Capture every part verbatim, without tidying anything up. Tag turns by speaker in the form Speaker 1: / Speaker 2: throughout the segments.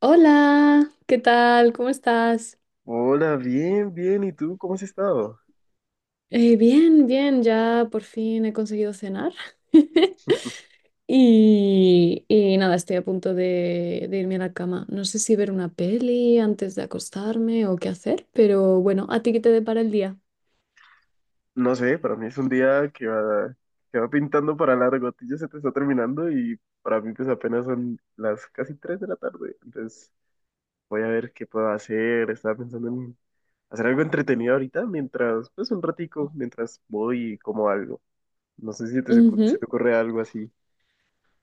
Speaker 1: Hola, ¿qué tal? ¿Cómo estás?
Speaker 2: Hola, bien, bien. ¿Y tú cómo has estado?
Speaker 1: Eh, bien, bien, ya por fin he conseguido cenar. Y, y nada, estoy a punto de, de irme a la cama. No sé si ver una peli antes de acostarme o qué hacer, pero bueno, ¿a ti qué te depara el día?
Speaker 2: No sé, para mí es un día que va, que va pintando para largo. A ti ya se te está terminando y para mí pues apenas son las casi tres de la tarde. Entonces voy a ver qué puedo hacer. Estaba pensando en hacer algo entretenido ahorita mientras, pues un ratico, mientras voy y como algo. No sé si te, se ocu- se
Speaker 1: Ujú.
Speaker 2: te ocurre algo así.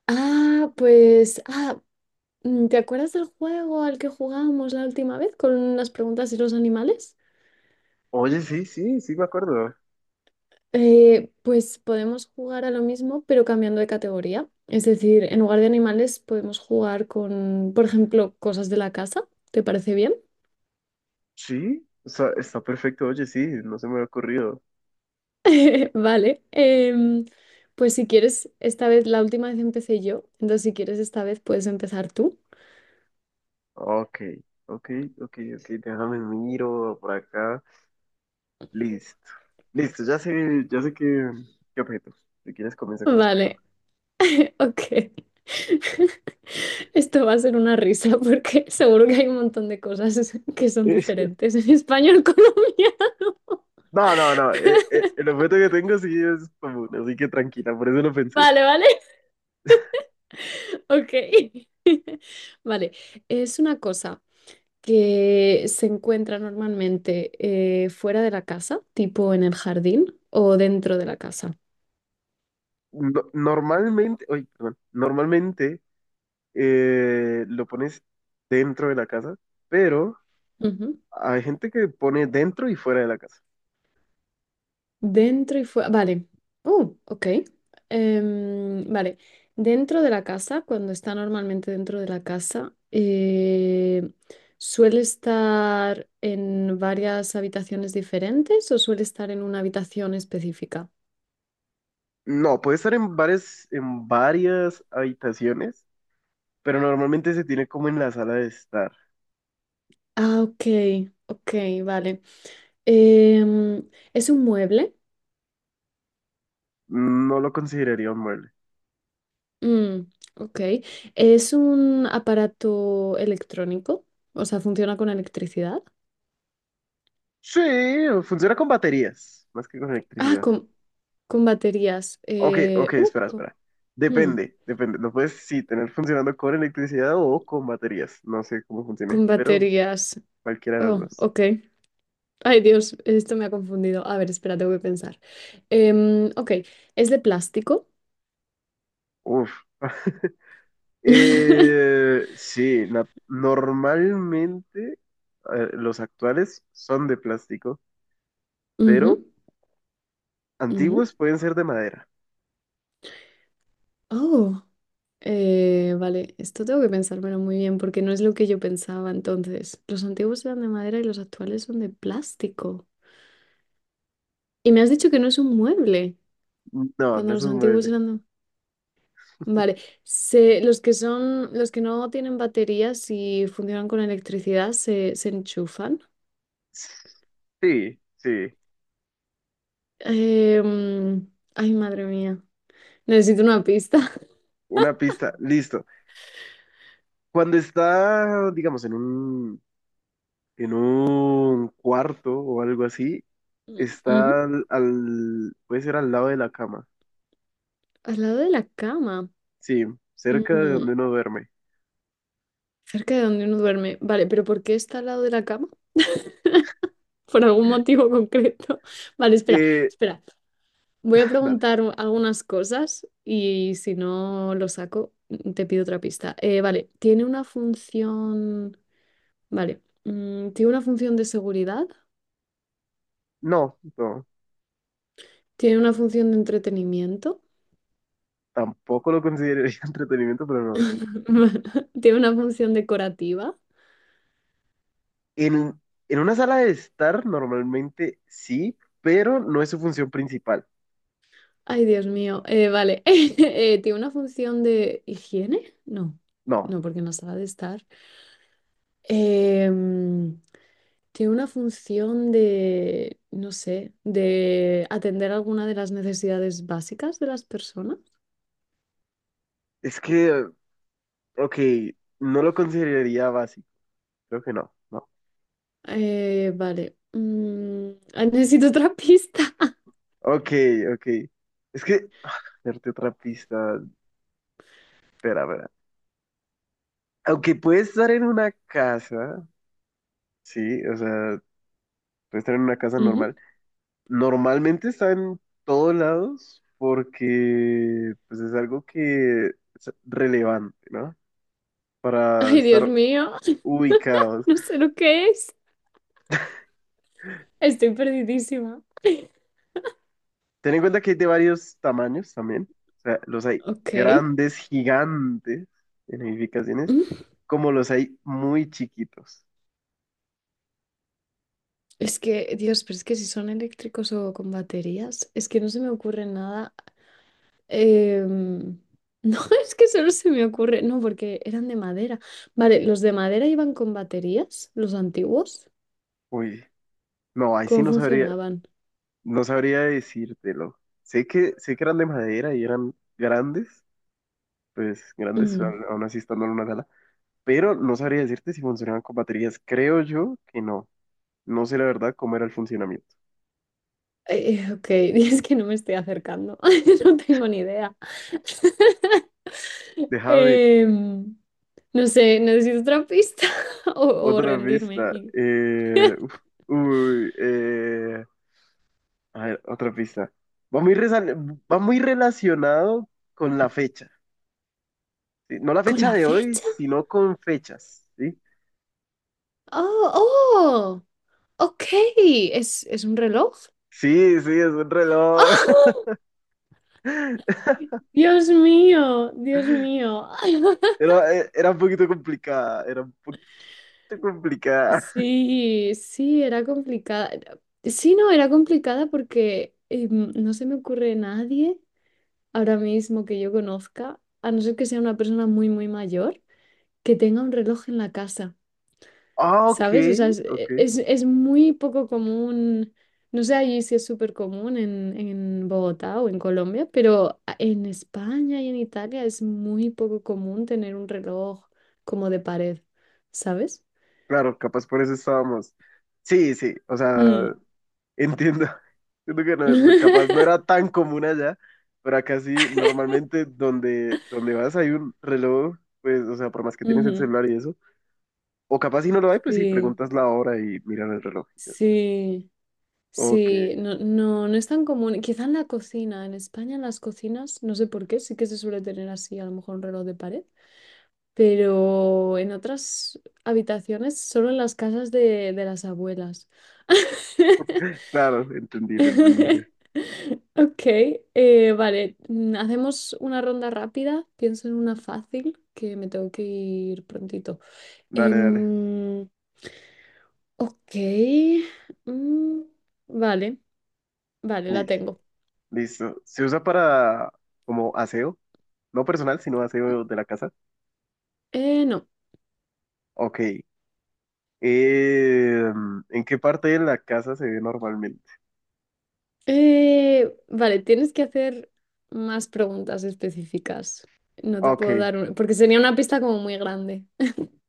Speaker 1: Ah, pues, ah, mm, ¿te acuerdas del juego al que jugamos la última vez con las preguntas y los animales?
Speaker 2: Oye, sí, sí, sí me acuerdo.
Speaker 1: Eh, pues podemos jugar a lo mismo, pero cambiando de categoría. Es decir, en lugar de animales podemos jugar con, por ejemplo, cosas de la casa. ¿Te parece bien?
Speaker 2: Sí, o sea, está perfecto. Oye, sí, no se me ha ocurrido.
Speaker 1: Vale. Em, pues si quieres, esta vez, la última vez empecé yo, entonces si quieres esta vez puedes empezar tú.
Speaker 2: Ok, ok, ok, ok, déjame miro por acá. Listo, listo, ya sé, ya sé qué, qué objeto. Si quieres, comienza con las
Speaker 1: Vale,
Speaker 2: preguntas.
Speaker 1: ok. Esto va a ser una risa porque seguro que hay un montón de cosas que son
Speaker 2: Eh,
Speaker 1: diferentes en español colombiano.
Speaker 2: no, no, no, eh, eh, el objeto que tengo sí es común, así que tranquila, por eso lo pensé.
Speaker 1: Vale, vale, ok. Vale, es una cosa que se encuentra normalmente, eh, fuera de la casa, tipo en el jardín o dentro de la casa.
Speaker 2: No- normalmente, oye, perdón, normalmente eh, lo pones dentro de la casa, pero
Speaker 1: Ujú.
Speaker 2: hay gente que pone dentro y fuera de la casa.
Speaker 1: Dentro y fuera. Vale. Oh, ok. Em, vale. Dentro de la casa, cuando está normalmente dentro de la casa, eh, ¿suele estar en varias habitaciones diferentes o suele estar en una habitación específica?
Speaker 2: No, puede estar en varias, en varias habitaciones pero normalmente se tiene como en la sala de estar.
Speaker 1: Ah, ok, ok, vale. Em, ¿es un mueble?
Speaker 2: No lo consideraría un mueble.
Speaker 1: Mm, ok. ¿Es un aparato electrónico? O sea, ¿funciona con electricidad?
Speaker 2: Sí, funciona con baterías, más que con
Speaker 1: Ah,
Speaker 2: electricidad.
Speaker 1: con, con baterías.
Speaker 2: Ok, ok,
Speaker 1: Eh, uh,
Speaker 2: espera,
Speaker 1: co-
Speaker 2: espera.
Speaker 1: mm,
Speaker 2: Depende, depende. Lo puedes sí tener funcionando con electricidad o con baterías. No sé cómo funcione,
Speaker 1: con,
Speaker 2: pero
Speaker 1: baterías.
Speaker 2: cualquiera de las
Speaker 1: Oh,
Speaker 2: dos.
Speaker 1: ok. Ay, Dios, esto me ha confundido. A ver, espera, tengo que pensar. Em, ok, ¿es de plástico?
Speaker 2: Uf. Eh, sí, na- normalmente eh, los actuales son de plástico,
Speaker 1: Ujú,
Speaker 2: pero
Speaker 1: ujú.
Speaker 2: antiguos pueden ser de madera.
Speaker 1: Oh, eh, vale, esto tengo que pensármelo muy bien porque no es lo que yo pensaba entonces. Los antiguos eran de madera y los actuales son de plástico. Y me has dicho que no es un mueble,
Speaker 2: No,
Speaker 1: cuando
Speaker 2: no es
Speaker 1: los
Speaker 2: un
Speaker 1: antiguos
Speaker 2: mueble.
Speaker 1: eran... Vale, se, los que son, los que no tienen baterías y funcionan con electricidad, se, se enchufan.
Speaker 2: Sí, sí.
Speaker 1: Em, ay, madre mía. Necesito una pista.
Speaker 2: Una pista, listo. Cuando está, digamos, en un, en un cuarto o algo así,
Speaker 1: Ujú.
Speaker 2: está al, al- puede ser al lado de la cama.
Speaker 1: Al lado de la cama.
Speaker 2: Sí, cerca de
Speaker 1: Mm,
Speaker 2: donde uno duerme.
Speaker 1: cerca de donde uno duerme. Vale, pero ¿por qué está al lado de la cama? Por algún motivo concreto. Vale, espera,
Speaker 2: Eh,
Speaker 1: espera. Voy a
Speaker 2: Dale.
Speaker 1: preguntar u- algunas cosas y si no lo saco, mm, te pido otra pista. Eh, vale, ¿tiene una función... Vale, mm, ¿tiene una función de seguridad?
Speaker 2: No, no,
Speaker 1: ¿Tiene una función de entretenimiento?
Speaker 2: tampoco lo consideraría entretenimiento, pero no.
Speaker 1: ¿Tiene una función decorativa?
Speaker 2: En, en una sala de estar, normalmente sí, pero no es su función principal.
Speaker 1: Ay, Dios mío. Eh, vale, Eh, ¿tiene una función de higiene? No,
Speaker 2: No,
Speaker 1: no, porque no sabe de estar. Em, tiene una función de, no sé, de atender alguna de las necesidades básicas de las personas.
Speaker 2: es que, ok, no lo consideraría básico. Creo que no, no.
Speaker 1: Eh, vale. Mm, ah, necesito otra pista.
Speaker 2: Ok, ok. Es que, darte otra pista. Espera, espera. Aunque puedes estar en una casa, sí, o sea, puedes estar en una casa
Speaker 1: Ujú.
Speaker 2: normal. Normalmente está en todos lados porque pues es algo que es relevante, ¿no? Para
Speaker 1: Ay, Dios
Speaker 2: estar
Speaker 1: mío,
Speaker 2: ubicados.
Speaker 1: no sé lo que es. Estoy perdidísima.
Speaker 2: Ten en cuenta que hay de varios tamaños también. O sea, los hay
Speaker 1: Ok.
Speaker 2: grandes, gigantes en edificaciones,
Speaker 1: Mm.
Speaker 2: como los hay muy chiquitos.
Speaker 1: Es que, Dios, pero es que si son eléctricos o con baterías, es que no se me ocurre nada. Em, no, es que solo se me ocurre. No, porque eran de madera. Vale, ¿los de madera iban con baterías? ¿Los antiguos?
Speaker 2: Uy. No, ahí sí
Speaker 1: ¿Cómo
Speaker 2: no sabría,
Speaker 1: funcionaban?
Speaker 2: no sabría decírtelo. Sé que, sé que eran de madera y eran grandes, pues grandes, a-
Speaker 1: Mm,
Speaker 2: aún así estando en una sala, pero no sabría decirte si funcionaban con baterías. Creo yo que no. No sé la verdad cómo era el funcionamiento.
Speaker 1: eh, ok, es que no me estoy acercando. No tengo ni idea.
Speaker 2: Déjame
Speaker 1: Em, no sé, necesito otra pista o, o
Speaker 2: otra
Speaker 1: rendirme.
Speaker 2: pista.
Speaker 1: y-
Speaker 2: Eh, uf, uy, eh, a ver, otra pista. Va muy, resal- va muy relacionado con la fecha. ¿Sí? No la
Speaker 1: ¿Con
Speaker 2: fecha
Speaker 1: la
Speaker 2: de hoy,
Speaker 1: fecha?
Speaker 2: sino con fechas. ¿Sí?
Speaker 1: Oh, oh, ok. ¿Es, es un reloj?
Speaker 2: Sí, sí, es un reloj.
Speaker 1: ¡Ah! Dios mío, Dios mío.
Speaker 2: Era, e- era un poquito complicada, era un poquito complicada.
Speaker 1: Sí, sí, era complicada. Sí, no, era complicada porque eh, no se me ocurre nadie ahora mismo que yo conozca, a no ser que sea una persona muy, muy mayor, que tenga un reloj en la casa,
Speaker 2: Ah, ok,
Speaker 1: ¿sabes? O sea, es,
Speaker 2: ok.
Speaker 1: eh, es, es muy poco común, no sé allí si es súper común en, en Bogotá o en Colombia, pero a- en España y en Italia es muy poco común tener un reloj como de pared, ¿sabes?
Speaker 2: Claro, capaz por eso estábamos. Sí, sí, o
Speaker 1: Mm.
Speaker 2: sea, entiendo. Entiendo que no- no- capaz no era tan común allá, pero acá sí, normalmente donde, donde vas hay un reloj, pues, o sea, por más que tienes el
Speaker 1: Ujú.
Speaker 2: celular y eso. O capaz si no lo hay, pues sí,
Speaker 1: Sí,
Speaker 2: preguntas la hora y miran el reloj y ya está.
Speaker 1: sí,
Speaker 2: Ok,
Speaker 1: sí, no, no, no es tan común. Quizá en la cocina, en España en las cocinas, no sé por qué, sí que se suele tener así, a lo mejor un reloj de pared, pero en otras habitaciones, solo en las casas de, de las abuelas.
Speaker 2: claro, entendible, entendible.
Speaker 1: Ok, eh, vale, mm, hacemos una ronda rápida, pienso en una fácil, que me tengo que ir prontito.
Speaker 2: Dale, dale.
Speaker 1: Em, ok, mm, vale. Vale, la
Speaker 2: Li-
Speaker 1: tengo.
Speaker 2: Listo. ¿Se usa para como aseo? No personal, sino aseo de la casa.
Speaker 1: Eh, no.
Speaker 2: Ok. Eh, ¿en qué parte de la casa se ve normalmente?
Speaker 1: Eh, vale, tienes que hacer más preguntas específicas. No te
Speaker 2: Ok,
Speaker 1: puedo dar una, porque sería una pista como muy grande.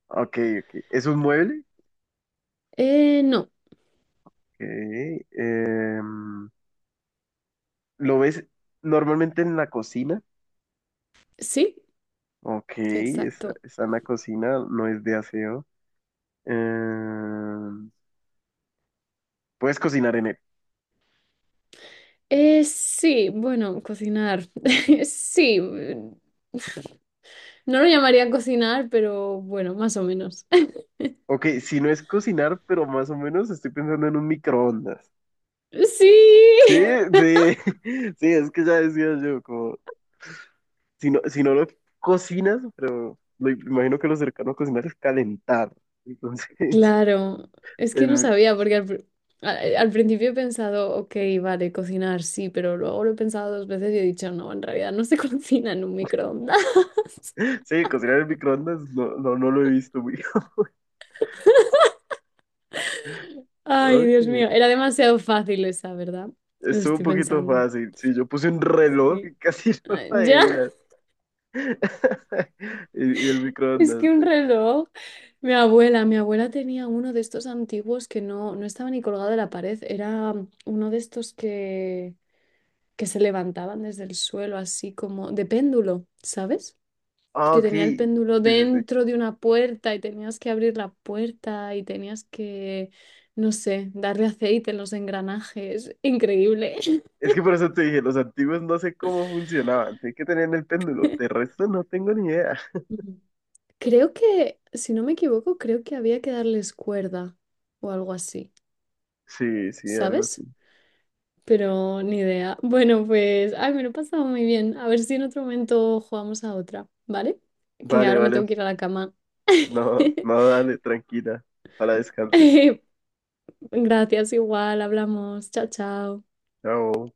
Speaker 2: ok, ok. ¿Es un mueble?
Speaker 1: Eh, no.
Speaker 2: Ok. Em, ¿lo ves normalmente en la cocina?
Speaker 1: Sí,
Speaker 2: Ok, está,
Speaker 1: exacto.
Speaker 2: está en la cocina, no es de aseo. Em, puedes cocinar en él.
Speaker 1: Eh, sí, bueno, cocinar. Sí. mm, no lo llamaría cocinar, pero bueno, más o menos.
Speaker 2: Ok, si no es cocinar, pero más o menos estoy pensando en un microondas.
Speaker 1: Sí.
Speaker 2: Sí, sí, sí, es que ya decía yo, como si no, si no lo cocinas, pero lo, imagino que lo cercano a cocinar es calentar. Entonces,
Speaker 1: Claro, es que no
Speaker 2: el-
Speaker 1: sabía, porque al, pr- al- al principio he pensado, ok, vale, cocinar sí, pero luego lo he pensado dos veces y he dicho, no, en realidad no se cocina en un microondas.
Speaker 2: sí, cocinar en microondas no, no, no lo he visto, muy
Speaker 1: Ay,
Speaker 2: Ok,
Speaker 1: Dios mío, era demasiado fácil esa, ¿verdad? Lo
Speaker 2: estuvo un
Speaker 1: estoy
Speaker 2: poquito
Speaker 1: pensando.
Speaker 2: fácil. Sí, yo puse un reloj
Speaker 1: Sí.
Speaker 2: y casi no
Speaker 1: Ay,
Speaker 2: lo
Speaker 1: ya,
Speaker 2: adivinas. Y, y el
Speaker 1: es
Speaker 2: microondas.
Speaker 1: que un reloj. Mi abuela, mi abuela tenía uno de estos antiguos que no, no estaba ni colgado de la pared, era uno de estos que, que se levantaban desde el suelo, así como de péndulo, ¿sabes?
Speaker 2: Ah,
Speaker 1: Que
Speaker 2: ok.
Speaker 1: tenía el
Speaker 2: Sí,
Speaker 1: péndulo
Speaker 2: sí, sí.
Speaker 1: dentro de una puerta y tenías que abrir la puerta y tenías que, no sé, darle aceite en los engranajes. Increíble.
Speaker 2: Es que por eso te dije, los antiguos no sé cómo funcionaban. Tienen que tener el péndulo. De resto no tengo ni idea.
Speaker 1: Ujú. Creo que, si no me equivoco, creo que había que darles cuerda o algo así,
Speaker 2: Sí, sí, algo así.
Speaker 1: ¿sabes? Pero ni idea. Bueno, pues, ay, me lo he pasado muy bien. A ver si en otro momento jugamos a otra, ¿vale? Que
Speaker 2: Vale,
Speaker 1: ahora me
Speaker 2: vale.
Speaker 1: tengo que ir a la cama.
Speaker 2: No, no, dale, tranquila. Para descanses.
Speaker 1: Gracias, igual, hablamos. Chao, chao.
Speaker 2: Chao.